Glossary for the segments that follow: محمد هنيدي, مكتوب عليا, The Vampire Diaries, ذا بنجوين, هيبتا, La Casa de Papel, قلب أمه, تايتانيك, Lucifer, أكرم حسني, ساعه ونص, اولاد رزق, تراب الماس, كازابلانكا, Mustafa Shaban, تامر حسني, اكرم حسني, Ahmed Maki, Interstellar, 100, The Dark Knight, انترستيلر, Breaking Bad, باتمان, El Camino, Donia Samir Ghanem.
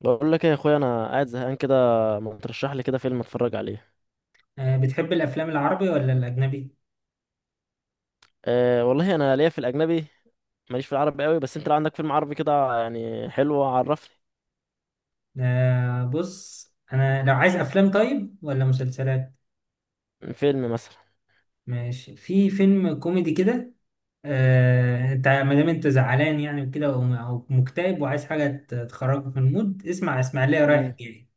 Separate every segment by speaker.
Speaker 1: بقول لك ايه يا اخويا، انا قاعد زهقان كده. ما ترشح لي كده فيلم اتفرج عليه؟
Speaker 2: بتحب الافلام العربي ولا الاجنبي؟
Speaker 1: أه والله انا ليا في الاجنبي. ماليش في العربي قوي، بس انت لو عندك فيلم عربي كده يعني حلو، عرفني.
Speaker 2: بص انا لو عايز افلام، طيب ولا مسلسلات؟
Speaker 1: فيلم مثلا.
Speaker 2: ماشي، في فيلم كوميدي كده. انت ما دام انت زعلان يعني وكده او مكتئب وعايز حاجه تخرجك من المود، اسمع اسماعيليه
Speaker 1: مم.
Speaker 2: رايح جاي.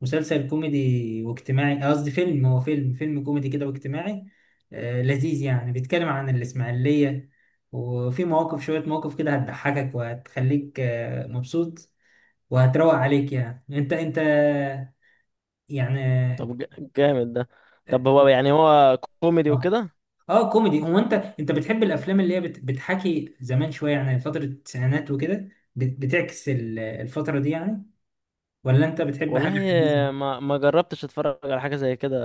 Speaker 2: مسلسل كوميدي واجتماعي، قصدي فيلم، هو فيلم كوميدي كده واجتماعي. لذيذ يعني، بيتكلم عن الاسماعيليه. وفي مواقف، شويه مواقف كده هتضحكك وهتخليك مبسوط. وهتروق عليك يعني. انت يعني.
Speaker 1: طب جامد ده. طب هو يعني هو كوميدي
Speaker 2: اه،
Speaker 1: وكده؟
Speaker 2: اه كوميدي. هو انت بتحب الافلام اللي هي بتحكي زمان، شويه يعني فتره التسعينات وكده، بتعكس الفتره دي يعني؟ ولا انت بتحب
Speaker 1: والله
Speaker 2: حاجه حديثه؟
Speaker 1: ما جربتش اتفرج على حاجه زي كده،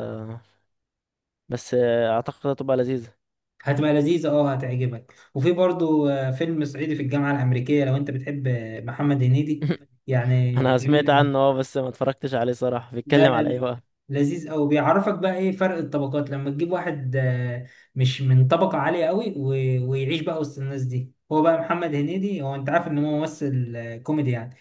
Speaker 1: بس اعتقد هتبقى لذيذه.
Speaker 2: هتبقى لذيذه، اه هتعجبك. وفي برضو فيلم صعيدي في الجامعه الامريكيه لو انت بتحب محمد هنيدي. يعني
Speaker 1: انا
Speaker 2: جميل
Speaker 1: سمعت
Speaker 2: قوي.
Speaker 1: عنه اه، بس ما اتفرجتش عليه صراحه.
Speaker 2: لا
Speaker 1: بيتكلم
Speaker 2: لا
Speaker 1: على ايه
Speaker 2: لا،
Speaker 1: بقى؟
Speaker 2: لذيذ قوي. بيعرفك بقى ايه فرق الطبقات لما تجيب واحد مش من طبقة عالية قوي ويعيش بقى وسط الناس دي. هو بقى محمد هنيدي، هو انت عارف ان هو ممثل كوميدي يعني،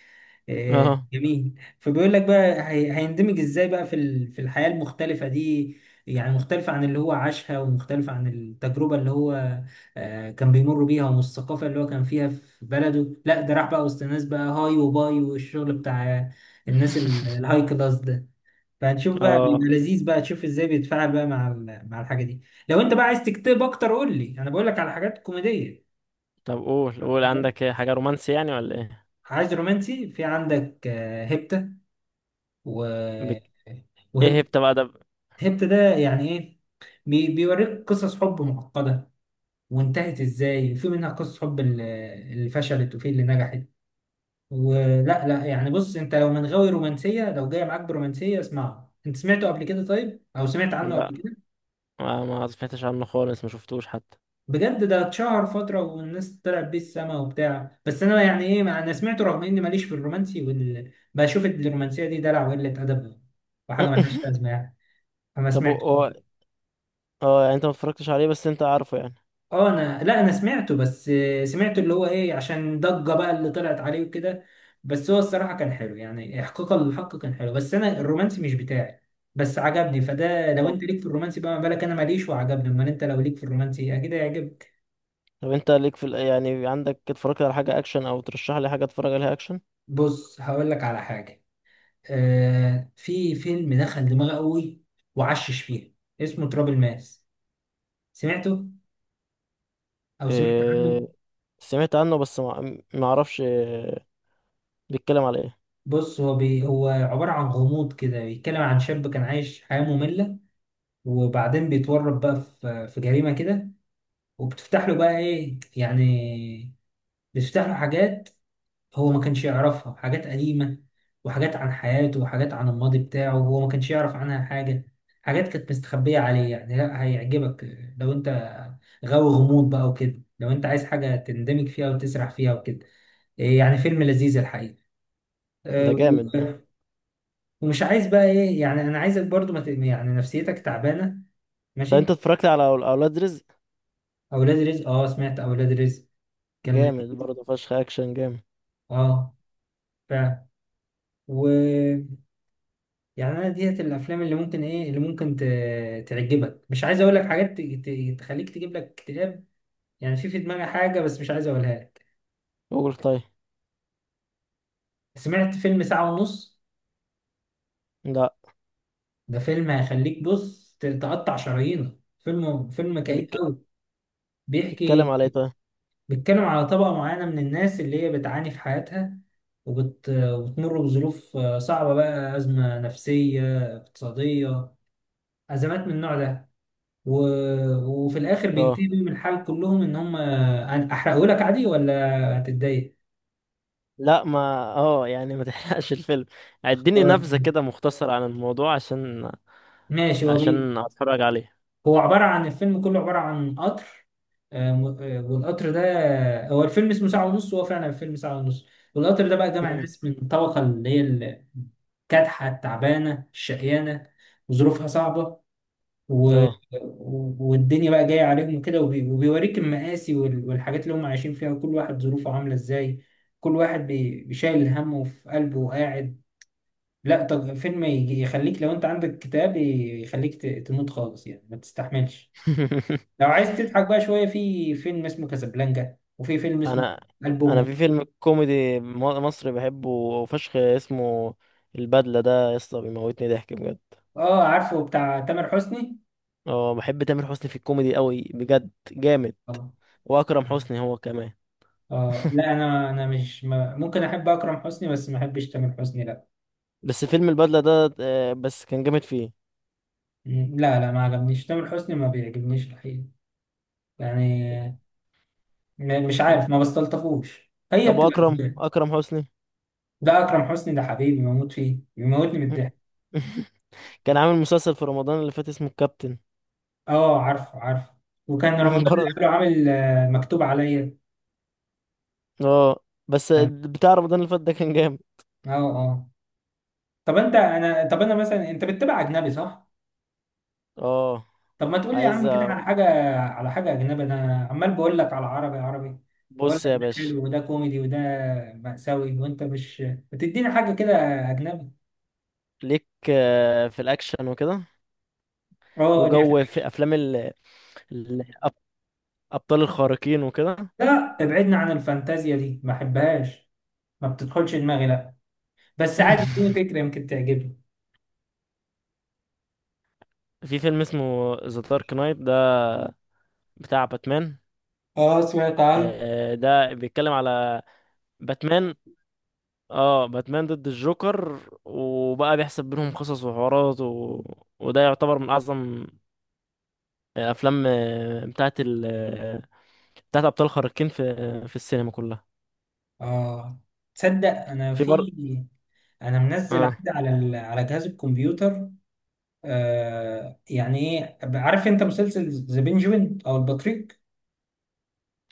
Speaker 1: اه
Speaker 2: جميل. فبيقول لك بقى هيندمج ازاي بقى في في الحياة المختلفة دي، يعني مختلفة عن اللي هو عاشها ومختلفة عن التجربة اللي هو كان بيمر بيها، ومن الثقافة اللي هو كان فيها في بلده. لا، ده راح بقى وسط الناس بقى هاي وباي والشغل بتاع الناس الهاي كلاس ده. فهنشوف بقى،
Speaker 1: اه.
Speaker 2: بيبقى لذيذ بقى، تشوف ازاي بيتفاعل بقى مع مع الحاجه دي. لو انت بقى عايز تكتب اكتر قول لي، انا بقول لك على حاجات كوميديه.
Speaker 1: طب قول، قول عندك إيه؟ حاجه رومانسي يعني ولا ايه؟
Speaker 2: عايز رومانسي؟ في عندك هيبتا و
Speaker 1: بك... ايه
Speaker 2: وهيبتا
Speaker 1: هبت بقى ده؟
Speaker 2: هيبتا ده يعني ايه؟ بيوريك قصص حب معقده، وانتهت ازاي، وفي منها قصص حب اللي فشلت وفي اللي نجحت ولا لا. يعني بص، انت لو من غاوي رومانسيه، لو جاي معاك برومانسيه اسمعه. انت سمعته قبل كده طيب، او سمعت عنه
Speaker 1: لا،
Speaker 2: قبل كده؟
Speaker 1: ما سمعتش عنه خالص، ما شفتوش حتى.
Speaker 2: بجد ده اتشهر فترة والناس طلعت بيه السما وبتاع، بس أنا يعني إيه، مع أنا سمعته رغم إني ماليش في الرومانسي بشوف الرومانسية دي دلع وقلة أدب وحاجة ملهاش لازمة يعني. فما
Speaker 1: طب هو
Speaker 2: سمعتوش.
Speaker 1: هو- اه، يعني انت ما اتفرجتش عليه بس انت عارفه يعني.
Speaker 2: أه أنا لا، أنا سمعته. بس سمعته اللي هو إيه، عشان ضجة بقى اللي طلعت عليه وكده. بس هو الصراحة كان حلو يعني، إحقاقا للحق كان حلو، بس أنا الرومانسي مش بتاعي. بس عجبني، فده لو
Speaker 1: طب
Speaker 2: أنت ليك في الرومانسي بقى، ما بالك أنا ماليش وعجبني؟ أمال أنت لو ليك في الرومانسي أكيد هيعجبك.
Speaker 1: طب انت ليك في يعني عندك اتفرجت على حاجة اكشن؟ او ترشح لي حاجة اتفرج عليها اكشن.
Speaker 2: بص هقول لك على حاجة، في فيلم دخل دماغي قوي وعشش فيها، اسمه تراب الماس. سمعته او سمعت عنه؟
Speaker 1: إيه... سمعت عنه بس ما اعرفش إيه، بيتكلم على ايه؟
Speaker 2: بص هو هو عبارة عن غموض كده، بيتكلم عن شاب كان عايش حياة مملة، وبعدين بيتورط بقى في جريمة كده، وبتفتح له بقى ايه يعني، بتفتح له حاجات هو ما كانش يعرفها، حاجات قديمة وحاجات عن حياته وحاجات عن الماضي بتاعه وهو ما كانش يعرف عنها حاجة، حاجات كانت مستخبية عليه يعني. لا هيعجبك لو انت غاوي غموض بقى وكده، لو انت عايز حاجة تندمج فيها وتسرح فيها وكده. إيه يعني، فيلم لذيذ الحقيقة. أه،
Speaker 1: ده جامد ده.
Speaker 2: و- ومش عايز بقى ايه يعني، انا عايزك برضو ما يعني نفسيتك تعبانة.
Speaker 1: طب انت
Speaker 2: ماشي.
Speaker 1: اتفرجت على اولاد رزق؟
Speaker 2: اولاد رزق، اه سمعت اولاد رزق، كان
Speaker 1: جامد
Speaker 2: لذيذ.
Speaker 1: برضه فشخ، اكشن جامد.
Speaker 2: اه فعلا. يعني انا ديت الافلام اللي ممكن ايه، اللي ممكن تعجبك. مش عايز اقول لك حاجات تخليك تجيب لك اكتئاب. يعني في دماغي حاجه بس مش عايز اقولها لك.
Speaker 1: قول طيب.
Speaker 2: سمعت فيلم ساعه ونص؟
Speaker 1: لا.
Speaker 2: ده فيلم هيخليك بص تقطع شرايينك، فيلم كئيب
Speaker 1: بيتك...
Speaker 2: قوي.
Speaker 1: بيتكلم
Speaker 2: بيحكي،
Speaker 1: على ايه؟
Speaker 2: بيتكلم على طبقه معينه من الناس اللي هي بتعاني في حياتها، وبتمر بظروف صعبه بقى، ازمه نفسيه، اقتصاديه، ازمات من النوع ده، و... وفي الاخر
Speaker 1: طيب.
Speaker 2: بينتهي بيهم الحال كلهم ان هم. احرقه لك عادي ولا هتتضايق؟
Speaker 1: لا، ما، اه يعني ما تحرقش الفيلم. اديني
Speaker 2: خلاص
Speaker 1: نبذة كده مختصر عن الموضوع عشان
Speaker 2: ماشي.
Speaker 1: عشان اتفرج عليه.
Speaker 2: هو عباره عن، الفيلم كله عباره عن قطر، والقطر ده هو الفيلم اسمه ساعه ونص، وهو فعلا الفيلم ساعه ونص. والقطر ده بقى جمع
Speaker 1: مم.
Speaker 2: ناس من الطبقه اللي هي كادحه، التعبانه، الشقيانه، وظروفها صعبه، و...
Speaker 1: اه.
Speaker 2: والدنيا بقى جاية عليهم كده، وبيوريك المآسي والحاجات اللي هم عايشين فيها، وكل واحد ظروفه عاملة ازاي، كل واحد بيشايل همه في قلبه وقاعد. لا طب فيلم يخليك، لو انت عندك كتاب يخليك تموت خالص يعني ما تستحملش. لو عايز تضحك بقى شوية، في فيلم اسمه كازابلانكا، وفي فيلم اسمه
Speaker 1: انا
Speaker 2: قلب
Speaker 1: انا
Speaker 2: أمه.
Speaker 1: في فيلم كوميدي مصري بحبه فشخ اسمه البدلة، ده يا اسطى بيموتني ضحك بجد.
Speaker 2: اه عارفه، بتاع تامر حسني.
Speaker 1: اه بحب تامر حسني في الكوميدي قوي بجد، جامد.
Speaker 2: اه
Speaker 1: واكرم حسني هو كمان.
Speaker 2: اه لا، انا مش ما... ممكن احب اكرم حسني بس ما احبش تامر حسني، لا.
Speaker 1: بس فيلم البدلة ده بس كان جامد فيه.
Speaker 2: مم. لا لا، ما عجبنيش تامر حسني، ما بيعجبنيش الحقيقة يعني. مش
Speaker 1: طب
Speaker 2: عارف، ما بستلطفوش، هي
Speaker 1: طب
Speaker 2: بتبقى
Speaker 1: واكرم،
Speaker 2: ازاي.
Speaker 1: اكرم حسني.
Speaker 2: ده أكرم حسني، ده حبيبي بموت فيه، بيموتني من الضحك.
Speaker 1: كان عامل مسلسل في رمضان اللي فات اسمه الكابتن.
Speaker 2: اه عارفه. وكان رمضان اللي
Speaker 1: برضه.
Speaker 2: قبله عامل مكتوب عليا.
Speaker 1: اه. بس
Speaker 2: اه،
Speaker 1: بتاع رمضان اللي فات ده كان جامد.
Speaker 2: اه. طب انت انا طب انا مثلا، انت بتتابع اجنبي صح؟
Speaker 1: اه.
Speaker 2: طب ما تقول لي يا
Speaker 1: عايز
Speaker 2: عم كده
Speaker 1: أ-
Speaker 2: على حاجة، على حاجة اجنبي. انا عمال بقول لك على عربي واقول
Speaker 1: بص
Speaker 2: لك
Speaker 1: يا
Speaker 2: ده
Speaker 1: باشا،
Speaker 2: حلو وده كوميدي وده مأساوي، وانت مش بتديني حاجة كده اجنبي.
Speaker 1: ليك في الاكشن وكده.
Speaker 2: اه ليه.
Speaker 1: وجو في افلام الابطال الخارقين وكده.
Speaker 2: لا ابعدنا عن الفانتازيا دي، ما احبهاش، ما بتدخلش دماغي، لا. بس عادي اديني فكرة يمكن تعجبني.
Speaker 1: في فيلم اسمه ذا دارك نايت ده، بتاع باتمان.
Speaker 2: اه سمعت عنه.
Speaker 1: ده بيتكلم على باتمان. اه باتمان ضد الجوكر، وبقى بيحسب بينهم قصص وحوارات وده يعتبر من اعظم افلام بتاعت ابطال خارقين في السينما كلها.
Speaker 2: اه تصدق انا
Speaker 1: في بر
Speaker 2: انا منزل
Speaker 1: اه
Speaker 2: عندي على على جهاز الكمبيوتر. يعني ايه، عارف انت مسلسل ذا بنجوين او البطريق؟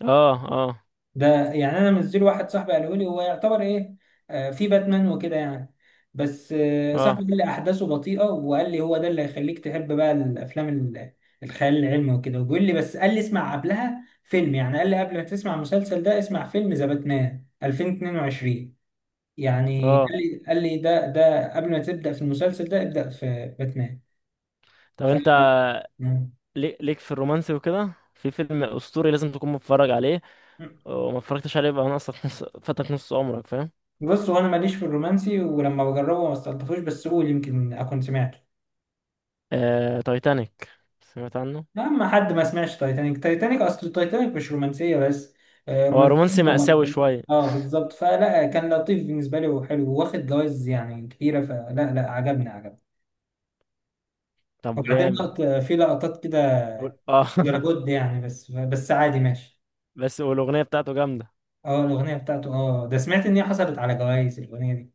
Speaker 1: اه اه
Speaker 2: ده يعني انا منزله، واحد صاحبي قاله لي هو يعتبر ايه، في باتمان وكده يعني. بس صاحبي
Speaker 1: اه
Speaker 2: قال لي احداثه بطيئه، وقال لي هو ده اللي هيخليك تحب بقى الافلام الخيال العلمي وكده، وبيقول لي، بس قال لي اسمع قبلها فيلم يعني، قال لي قبل ما تسمع المسلسل ده اسمع فيلم ذا باتمان 2022. يعني
Speaker 1: اه.
Speaker 2: قال لي، قال لي ده قبل ما تبدا في المسلسل ده ابدا في باتمان.
Speaker 1: طب
Speaker 2: ف
Speaker 1: انت
Speaker 2: مم.
Speaker 1: ليك في الرومانسي وكده، في فيلم اسطوري لازم تكون متفرج عليه وما اتفرجتش عليه. بقى ناقصك نص، فاتك نص عمرك، فاهم؟
Speaker 2: بص هو انا ماليش في الرومانسي ولما بجربه ما استلطفوش، بس قول يمكن اكون سمعت.
Speaker 1: تايتانيك، سمعت عنه؟
Speaker 2: لا، ما حد ما سمعش تايتانيك. تايتانيك اصل تايتانيك مش رومانسيه بس،
Speaker 1: هو
Speaker 2: رومانسيه
Speaker 1: رومانسي مأساوي
Speaker 2: ومكتوب.
Speaker 1: شويه،
Speaker 2: اه بالظبط، فلا كان لطيف بالنسبه لي وحلو، واخد جوائز يعني كتيره، فلا لا، عجبني.
Speaker 1: طب
Speaker 2: وبعدين
Speaker 1: جامد.
Speaker 2: في لقطات كده
Speaker 1: وال- اه
Speaker 2: ولا جد يعني، بس عادي ماشي.
Speaker 1: بس والاغنيه بتاعته جامده.
Speaker 2: اه الاغنيه بتاعته، اه ده سمعت ان هي حصلت على جوائز الاغنيه دي.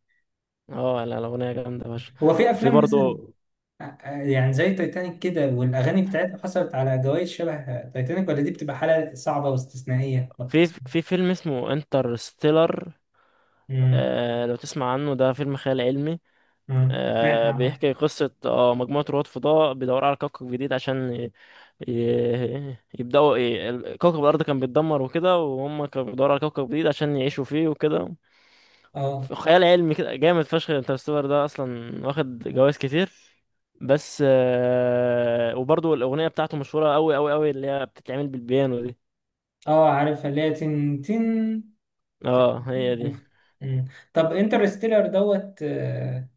Speaker 1: اه لا، الاغنيه جامده يا باشا.
Speaker 2: هو في
Speaker 1: في
Speaker 2: افلام
Speaker 1: برضه
Speaker 2: مثلا، يعني زي تايتانيك كده والاغاني بتاعتها حصلت على جوائز شبه تايتانيك، ولا دي بتبقى حاله صعبه واستثنائيه ما
Speaker 1: في
Speaker 2: بتحصلش؟
Speaker 1: في فيلم اسمه انترستيلر.
Speaker 2: امم،
Speaker 1: لو تسمع عنه، ده فيلم خيال علمي.
Speaker 2: سمعت عنها.
Speaker 1: بيحكي قصة مجموعة رواد فضاء بيدوروا على كوكب جديد عشان يبدأوا كوكب الأرض كان بيتدمر وكده، وهم كانوا بيدوروا على كوكب جديد عشان يعيشوا فيه وكده.
Speaker 2: اه
Speaker 1: خيال علمي كده جامد فشخ، انترستيلر ده أصلا واخد جوائز كتير، بس وبرضه الأغنية بتاعته مشهورة أوي أوي أوي، اللي هي بتتعمل بالبيانو دي.
Speaker 2: اه عارفها، اللي هي تن تن، تن-
Speaker 1: اه هي دي.
Speaker 2: عارف. مم. طب انترستيلر دوت آه،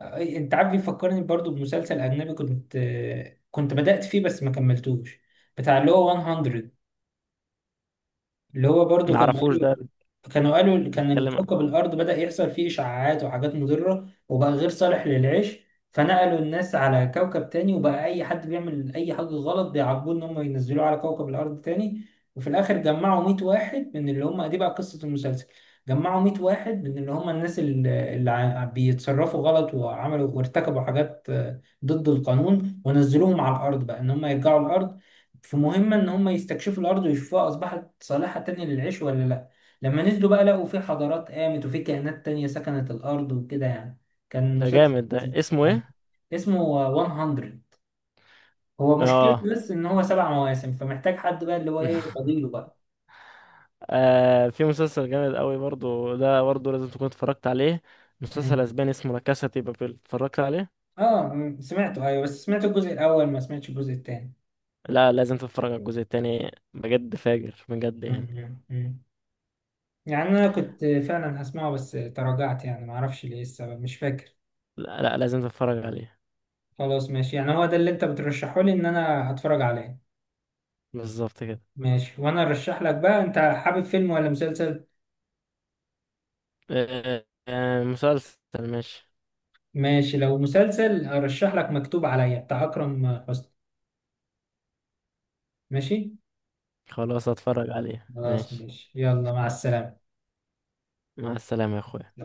Speaker 2: آه، انت عارف بيفكرني برضو بمسلسل اجنبي كنت كنت بدأت فيه بس ما كملتوش، بتاع اللي هو 100، اللي هو برضو كانوا
Speaker 1: معرفوش ده.
Speaker 2: قالوا، كانوا قالوا كان
Speaker 1: بيتكلم عن.
Speaker 2: الكوكب الأرض بدأ يحصل فيه إشعاعات وحاجات مضرة وبقى غير صالح للعيش، فنقلوا الناس على كوكب تاني، وبقى أي حد بيعمل أي حاجة غلط بيعاقبوه إن هم ينزلوه على كوكب الأرض تاني. وفي الآخر جمعوا 100 واحد من اللي هم، دي بقى قصة المسلسل، جمعوا 100 واحد من اللي هم الناس اللي بيتصرفوا غلط وعملوا وارتكبوا حاجات ضد القانون، ونزلوهم على الأرض بقى إن هم يرجعوا الأرض في مهمة إن هم يستكشفوا الأرض ويشوفوها أصبحت صالحة تاني للعيش ولا لأ. لما نزلوا بقى لقوا في حضارات قامت وفي كائنات تانية سكنت الأرض وكده يعني. كان
Speaker 1: ده
Speaker 2: مسلسل
Speaker 1: جامد ده،
Speaker 2: لذيذ.
Speaker 1: اسمه
Speaker 2: آه.
Speaker 1: ايه؟
Speaker 2: اسمه 100. هو
Speaker 1: اه.
Speaker 2: مشكلته بس إن هو سبع مواسم، فمحتاج حد بقى اللي هو إيه، فضيله بقى.
Speaker 1: في مسلسل جامد قوي برضو، ده برضو لازم تكون اتفرجت عليه. مسلسل
Speaker 2: مم.
Speaker 1: اسباني اسمه لا كاسا دي بابيل، اتفرجت عليه؟
Speaker 2: آه مم، سمعته أيوه، بس سمعت الجزء الأول ما سمعتش الجزء التاني.
Speaker 1: لا، لازم تتفرج على الجزء التاني بجد، فاجر بجد
Speaker 2: مم،
Speaker 1: يعني.
Speaker 2: مم، مم. يعني أنا كنت فعلا هسمعه بس تراجعت يعني، معرفش ليه السبب، مش فاكر.
Speaker 1: لا، لا، لازم تتفرج عليه.
Speaker 2: خلاص ماشي، يعني هو ده اللي أنت بترشحه لي إن أنا أتفرج عليه.
Speaker 1: بالظبط كده.
Speaker 2: ماشي، وانا ارشح لك بقى، انت حابب فيلم ولا مسلسل؟
Speaker 1: آه آه، مسلسل. ماشي.
Speaker 2: ماشي، لو مسلسل ارشح لك مكتوب عليا بتاع اكرم حسني. ماشي.
Speaker 1: خلاص هتفرج عليه،
Speaker 2: خلاص
Speaker 1: ماشي.
Speaker 2: ماشي، يلا مع السلامة.
Speaker 1: مع السلامة يا اخويا.